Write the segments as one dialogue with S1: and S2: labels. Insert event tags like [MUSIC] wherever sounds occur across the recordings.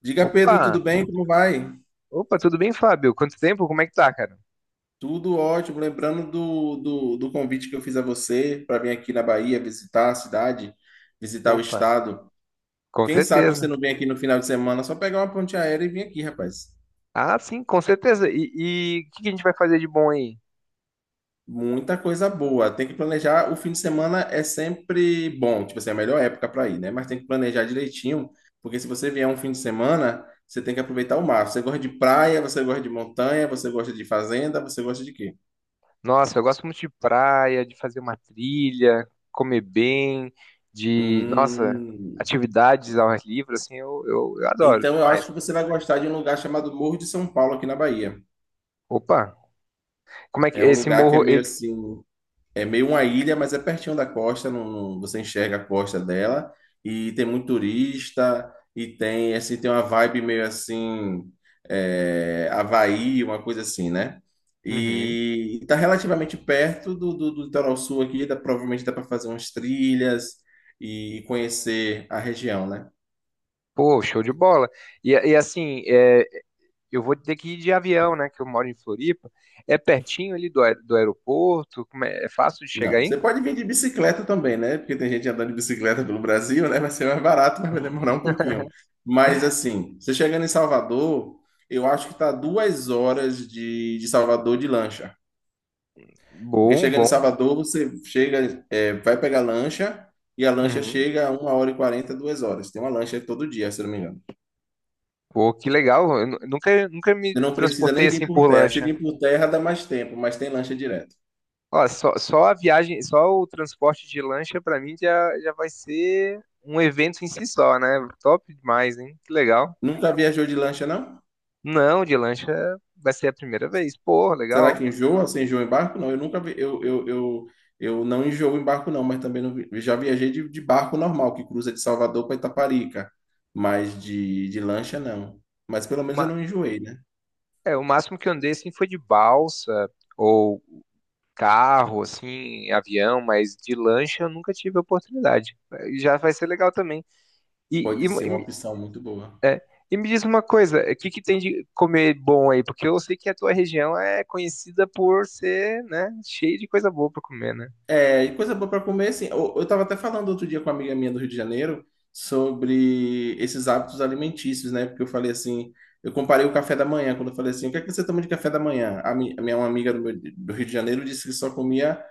S1: Diga, Pedro,
S2: Opa!
S1: tudo bem? Como vai?
S2: Opa, tudo bem, Fábio? Quanto tempo? Como é que tá, cara?
S1: Tudo ótimo. Lembrando do convite que eu fiz a você para vir aqui na Bahia visitar a cidade, visitar o
S2: Opa,
S1: estado.
S2: com
S1: Quem sabe você
S2: certeza.
S1: não vem aqui no final de semana, só pegar uma ponte aérea e vir aqui, rapaz.
S2: Ah, sim, com certeza. E o que que a gente vai fazer de bom aí?
S1: Muita coisa boa. Tem que planejar. O fim de semana é sempre bom, tipo assim, é a melhor época para ir, né? Mas tem que planejar direitinho, porque se você vier um fim de semana, você tem que aproveitar o mar. Você gosta de praia, você gosta de montanha, você gosta de fazenda, você gosta de quê?
S2: Nossa, eu gosto muito de praia, de fazer uma trilha, comer bem, de, nossa,
S1: Hum.
S2: atividades ao ar livre, assim, eu adoro
S1: Então, eu acho
S2: demais.
S1: que você vai gostar de um lugar chamado Morro de São Paulo, aqui na Bahia.
S2: Opa, como é que
S1: É um
S2: esse
S1: lugar que é
S2: morro,
S1: meio
S2: ele...
S1: assim, é meio uma ilha, mas é pertinho da costa, você enxerga a costa dela, e tem muito turista, e tem, assim, tem uma vibe meio assim, é, Havaí, uma coisa assim, né?
S2: Uhum.
S1: E está relativamente perto do litoral sul aqui, dá, provavelmente dá para fazer umas trilhas e conhecer a região, né?
S2: Pô, show de bola. E assim, é, eu vou ter que ir de avião, né, que eu moro em Floripa. É pertinho ali do, do aeroporto, como é, é fácil de chegar
S1: Não. Você
S2: aí?
S1: pode vir de bicicleta também, né? Porque tem gente andando de bicicleta pelo Brasil, né? Vai ser mais barato, mas vai demorar um pouquinho. Mas assim, você chegando em Salvador, eu acho que tá duas horas de Salvador de lancha. Porque
S2: Bom,
S1: chegando em
S2: bom.
S1: Salvador, você chega, é, vai pegar lancha e a lancha
S2: Uhum.
S1: chega a uma hora e quarenta, duas horas. Tem uma lancha todo dia, se eu não me engano.
S2: Pô, que legal. Eu nunca me
S1: Você não precisa
S2: transportei
S1: nem vir
S2: assim
S1: por
S2: por
S1: terra. Se
S2: lancha.
S1: vir por terra, dá mais tempo, mas tem lancha direto.
S2: Ó, só, só a viagem, só o transporte de lancha pra mim já, já vai ser um evento em si só, né? Top demais, hein? Que legal.
S1: Nunca viajou de lancha, não?
S2: Não, de lancha vai ser a primeira vez. Pô,
S1: Será
S2: legal.
S1: que enjoa? Você enjoa em barco? Não, eu nunca vi, eu não enjoo em barco, não, mas também não vi- já viajei de barco normal, que cruza de Salvador para Itaparica, mas de lancha não. Mas pelo menos eu
S2: Uma,
S1: não enjoei, né?
S2: é, o máximo que eu andei assim foi de balsa ou carro, assim, avião, mas de lancha eu nunca tive a oportunidade. Já vai ser legal também. E,
S1: Pode ser uma
S2: e,
S1: opção muito boa.
S2: é. E me diz uma coisa, o que que tem de comer bom aí? Porque eu sei que a tua região é conhecida por ser, né, cheia de coisa boa pra comer, né?
S1: É, e coisa boa para comer, assim. Eu tava até falando outro dia com uma amiga minha do Rio de Janeiro sobre esses hábitos alimentícios, né? Porque eu falei assim, eu comparei o café da manhã, quando eu falei assim, o que é que você toma de café da manhã? A mi- a minha uma amiga do, meu- do Rio de Janeiro disse que só comia.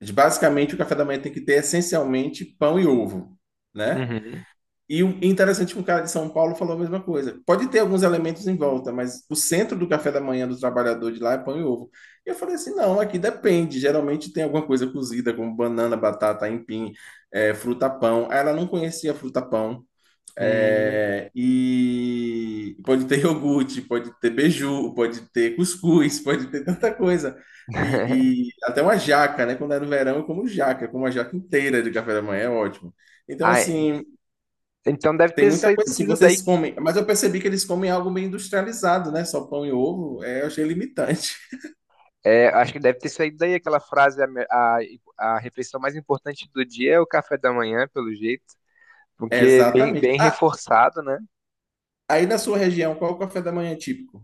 S1: Mas, basicamente, o café da manhã tem que ter essencialmente pão e ovo, né?
S2: Uhum.
S1: E o interessante é que um cara de São Paulo falou a mesma coisa. Pode ter alguns elementos em volta, mas o centro do café da manhã do trabalhador de lá é pão e ovo. E eu falei assim, não, aqui depende. Geralmente tem alguma coisa cozida, como banana, batata, aipim, fruta pão. Ela não conhecia fruta pão. É,
S2: Hum.
S1: e pode ter iogurte, pode ter beiju, pode ter cuscuz, pode ter tanta coisa.
S2: [LAUGHS]
S1: E até uma jaca, né? Quando é no verão, eu como jaca, eu como uma jaca inteira de café da manhã, é ótimo. Então,
S2: Ah,
S1: assim,
S2: então deve
S1: tem
S2: ter
S1: muita
S2: saído
S1: coisa assim.
S2: sido daí.
S1: Vocês comem, mas eu percebi que eles comem algo meio industrializado, né? Só pão e ovo, é, eu achei limitante. [LAUGHS]
S2: É, acho que deve ter saído daí aquela frase: a, a refeição mais importante do dia é o café da manhã, pelo jeito,
S1: É,
S2: porque é bem,
S1: exatamente.
S2: bem
S1: Ah,
S2: reforçado, né?
S1: aí na sua região, qual é o café da manhã típico?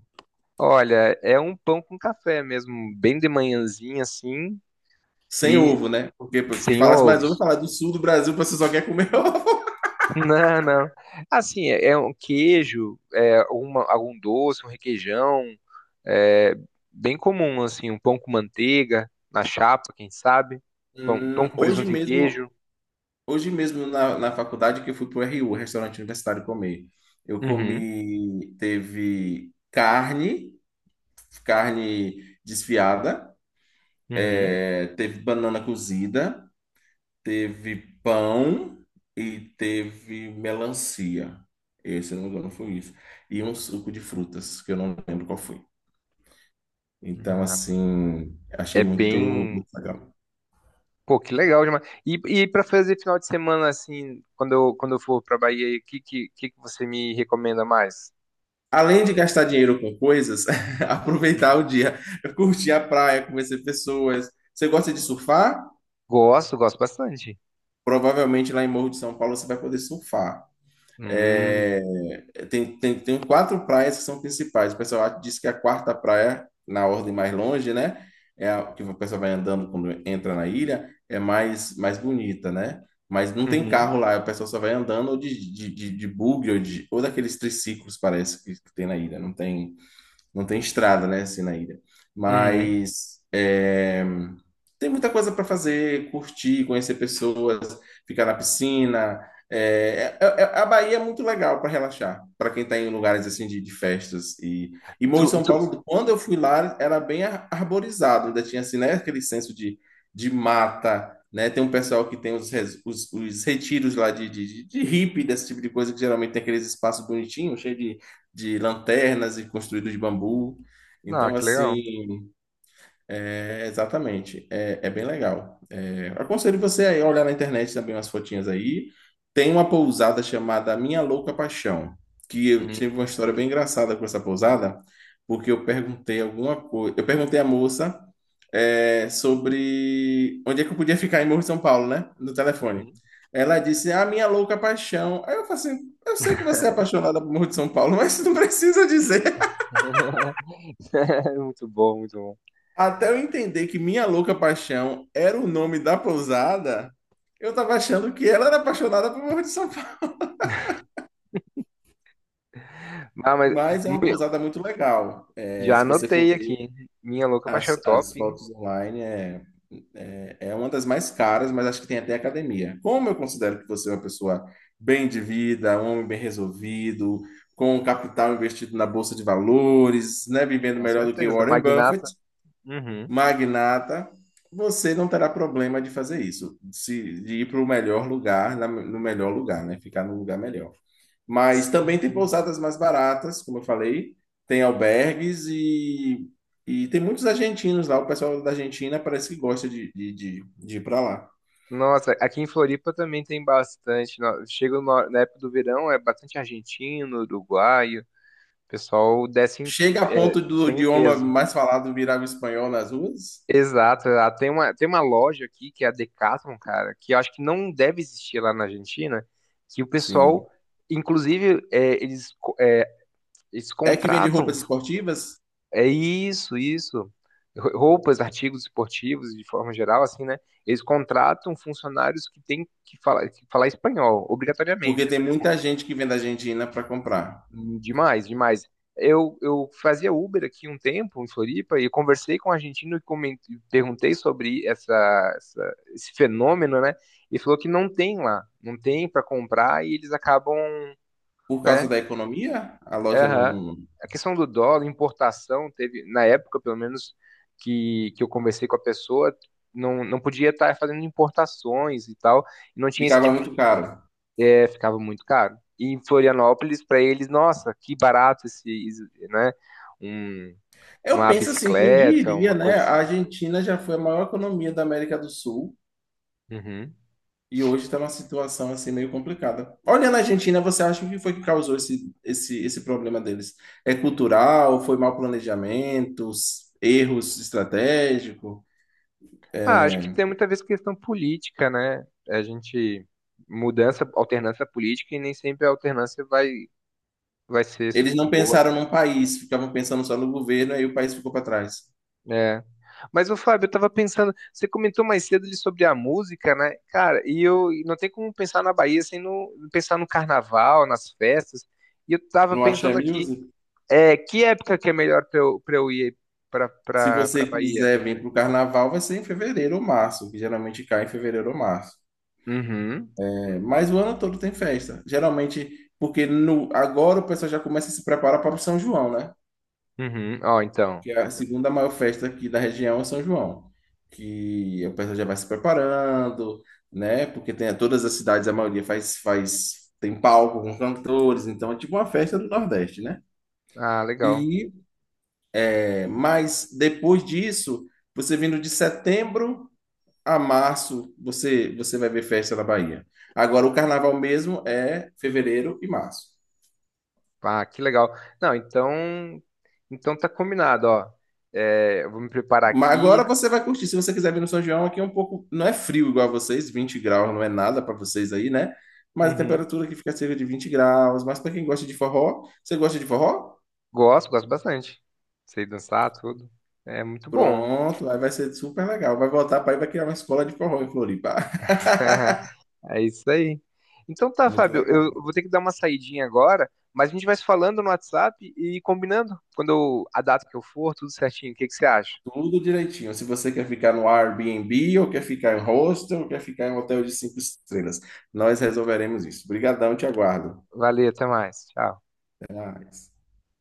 S2: Olha, é um pão com café mesmo, bem de manhãzinha assim,
S1: Sem
S2: e
S1: ovo, né? Porque tu
S2: sem
S1: falas mais ovo,
S2: ovos.
S1: falar do sul do Brasil, você só quer comer [LAUGHS] ovo.
S2: Não, não. Assim, é um queijo, é alguma, algum doce, um requeijão, é bem comum, assim, um pão com manteiga, na chapa, quem sabe? Pão com
S1: Hoje
S2: presunto e
S1: mesmo.
S2: queijo.
S1: Hoje mesmo na, na faculdade que eu fui pro RU, restaurante universitário comer. Eu
S2: Uhum,
S1: comi, teve carne, carne desfiada,
S2: uhum.
S1: teve banana cozida, teve pão e teve melancia. Esse, se eu não me engano, foi isso. E um suco de frutas, que eu não lembro qual foi. Então,
S2: Ah,
S1: assim, achei
S2: é
S1: muito,
S2: bem.
S1: muito legal.
S2: Pô, que legal demais. E para fazer final de semana, assim, quando eu for pra Bahia, o que que você me recomenda mais?
S1: Além de gastar dinheiro com coisas, [LAUGHS] aproveitar o
S2: [LAUGHS]
S1: dia, curtir a praia, conhecer pessoas. Você gosta de surfar?
S2: Gosto, gosto bastante.
S1: Provavelmente lá em Morro de São Paulo você vai poder surfar.
S2: Hum,
S1: É, tem quatro praias que são principais. O pessoal diz que a quarta praia, na ordem mais longe, né? É a que o pessoal vai andando quando entra na ilha, é mais, mais bonita, né? Mas não tem
S2: uhum,
S1: carro lá, o pessoal só vai andando ou de bug ou, de, ou daqueles triciclos, parece, que tem na ilha. Não tem estrada, né, assim, na ilha.
S2: uhum.
S1: Mas é, tem muita coisa para fazer, curtir, conhecer pessoas, ficar na piscina. É, a Bahia é muito legal para relaxar, para quem está em lugares assim de festas. E
S2: Tu,
S1: Morro de São
S2: tu...
S1: Paulo, quando eu fui lá, era bem ar- arborizado, ainda tinha assim, né, aquele senso de mata. Né? Tem um pessoal que tem os, res- os retiros lá de hippie, desse tipo de coisa, que geralmente tem aqueles espaços bonitinhos, cheios de lanternas e construído de bambu.
S2: Ah,
S1: Então,
S2: que legal.
S1: assim, é, exatamente, é, é bem legal. É, aconselho você aí a olhar na internet também umas fotinhas aí. Tem uma pousada chamada Minha Louca Paixão, que eu tive
S2: Hum.
S1: uma história bem engraçada com essa pousada, porque eu perguntei alguma coisa. Eu perguntei à moça é, sobre onde é que eu podia ficar em Morro de São Paulo, né? No telefone.
S2: [LAUGHS]
S1: Ela disse, a minha louca paixão. Aí eu falei assim, eu sei que você é apaixonada por Morro de São Paulo, mas [LAUGHS] não precisa dizer.
S2: Muito bom, muito bom.
S1: Até eu entender que Minha Louca Paixão era o nome da pousada, eu tava achando que ela era apaixonada por Morro de São Paulo.
S2: Ah, mas
S1: Mas é uma
S2: mu-
S1: pousada muito legal. É,
S2: já
S1: se você for
S2: anotei
S1: ver
S2: aqui. Minha louca pra achar
S1: as,
S2: o top,
S1: as
S2: hein?
S1: fotos online, é, é, é uma das mais caras, mas acho que tem até academia. Como eu considero que você é uma pessoa bem de vida, um homem bem resolvido, com um capital investido na bolsa de valores, né, vivendo
S2: Com
S1: melhor do que
S2: certeza.
S1: Warren Buffett,
S2: Magnata. Uhum.
S1: magnata, você não terá problema de fazer isso, se- de ir para o melhor lugar, na- no melhor lugar, né? Ficar no lugar melhor. Mas também tem
S2: Sim.
S1: pousadas mais baratas, como eu falei, tem albergues e tem muitos argentinos lá. O pessoal da Argentina parece que gosta de ir para lá.
S2: Nossa, aqui em Floripa também tem bastante. Chega na época do verão, é bastante argentino, uruguaio. O pessoal desce em,
S1: Chega a
S2: é,
S1: ponto do
S2: bem em
S1: idioma
S2: peso.
S1: mais falado virar o espanhol nas ruas?
S2: Exato, exato. Tem uma loja aqui que é a Decathlon, cara, que eu acho que não deve existir lá na Argentina, que o pessoal,
S1: Sim.
S2: inclusive, é, eles... Eles
S1: É que vende
S2: contratam.
S1: roupas esportivas?
S2: É isso, isso. Roupas, artigos esportivos, de forma geral, assim, né? Eles contratam funcionários que têm que falar espanhol,
S1: Porque
S2: obrigatoriamente,
S1: tem
S2: assim. Pô,
S1: muita gente que vem da Argentina para comprar.
S2: demais, demais. Eu fazia Uber aqui um tempo, em Floripa, e conversei com um argentino e perguntei sobre essa, esse fenômeno, né? E falou que não tem lá, não tem para comprar e eles acabam,
S1: Por causa
S2: né?
S1: da economia, a loja
S2: Aham. A questão do dólar, importação, teve, na época, pelo menos, que eu conversei com a pessoa, não, não podia estar fazendo importações e tal, e não tinha esse
S1: ficava
S2: tipo
S1: muito
S2: de.
S1: caro.
S2: É, ficava muito caro. E em Florianópolis, para eles, nossa, que barato esse, esse, né? Um,
S1: Eu
S2: uma
S1: penso assim, quem
S2: bicicleta,
S1: diria,
S2: uma
S1: né?
S2: coisa
S1: A
S2: assim.
S1: Argentina já foi a maior economia da América do Sul
S2: Uhum.
S1: e hoje está numa situação assim meio complicada. Olhando a Argentina, você acha o que foi que causou esse problema deles? É cultural? Foi mau planejamento? Erros estratégicos?
S2: Ah, acho que tem muita vez questão política, né? A gente... Mudança, alternância política, e nem sempre a alternância vai, vai ser
S1: Eles não
S2: boa.
S1: pensaram num país, ficavam pensando só no governo, aí o país ficou para trás.
S2: É. Mas, ô Fábio, eu tava pensando, você comentou mais cedo ali sobre a música, né? Cara, e eu e não tem como pensar na Bahia sem não pensar no carnaval, nas festas. E eu tava
S1: Não achei a.
S2: pensando aqui, é, que época que é melhor pra eu ir pra,
S1: Se
S2: pra,
S1: você
S2: pra Bahia?
S1: quiser vir para o carnaval, vai ser em fevereiro ou março, que geralmente cai em fevereiro ou março.
S2: Uhum,
S1: É, mas o ano todo tem festa. Geralmente, porque no, agora o pessoal já começa a se preparar para o São João, né?
S2: uhum, ó, então.
S1: Que é a segunda maior festa aqui da região é São João. Que o pessoal já vai se preparando, né? Porque tem todas as cidades, a maioria faz, faz, tem palco com cantores, então é tipo uma festa do Nordeste, né?
S2: Ah, legal.
S1: E, é, mas depois disso, você vindo de setembro a março você você vai ver festa na Bahia. Agora o carnaval mesmo é fevereiro e março.
S2: Ah, que legal. Não, então, então tá combinado, ó. É, eu vou me preparar
S1: Mas agora
S2: aqui.
S1: você vai curtir. Se você quiser vir no São João, aqui é um pouco. Não é frio igual a vocês, 20 graus não é nada para vocês aí, né? Mas a
S2: Uhum.
S1: temperatura aqui fica cerca de 20 graus. Mas para quem gosta de forró, você gosta de forró?
S2: Gosto, gosto bastante. Sei dançar, tudo. É muito bom.
S1: Pronto, aí vai ser super legal. Vai voltar para aí, vai criar uma escola de forró em Floripa. [LAUGHS]
S2: [LAUGHS] É isso aí. Então tá,
S1: Muito
S2: Fábio, eu
S1: legal.
S2: vou ter que dar uma saidinha agora, mas a gente vai se falando no WhatsApp e combinando a data que eu for, tudo certinho. O que que você acha?
S1: Tudo direitinho. Se você quer ficar no Airbnb, ou quer ficar em hostel, ou quer ficar em hotel de 5 estrelas, nós resolveremos isso. Obrigadão, te aguardo.
S2: Valeu, até mais. Tchau.
S1: Até mais.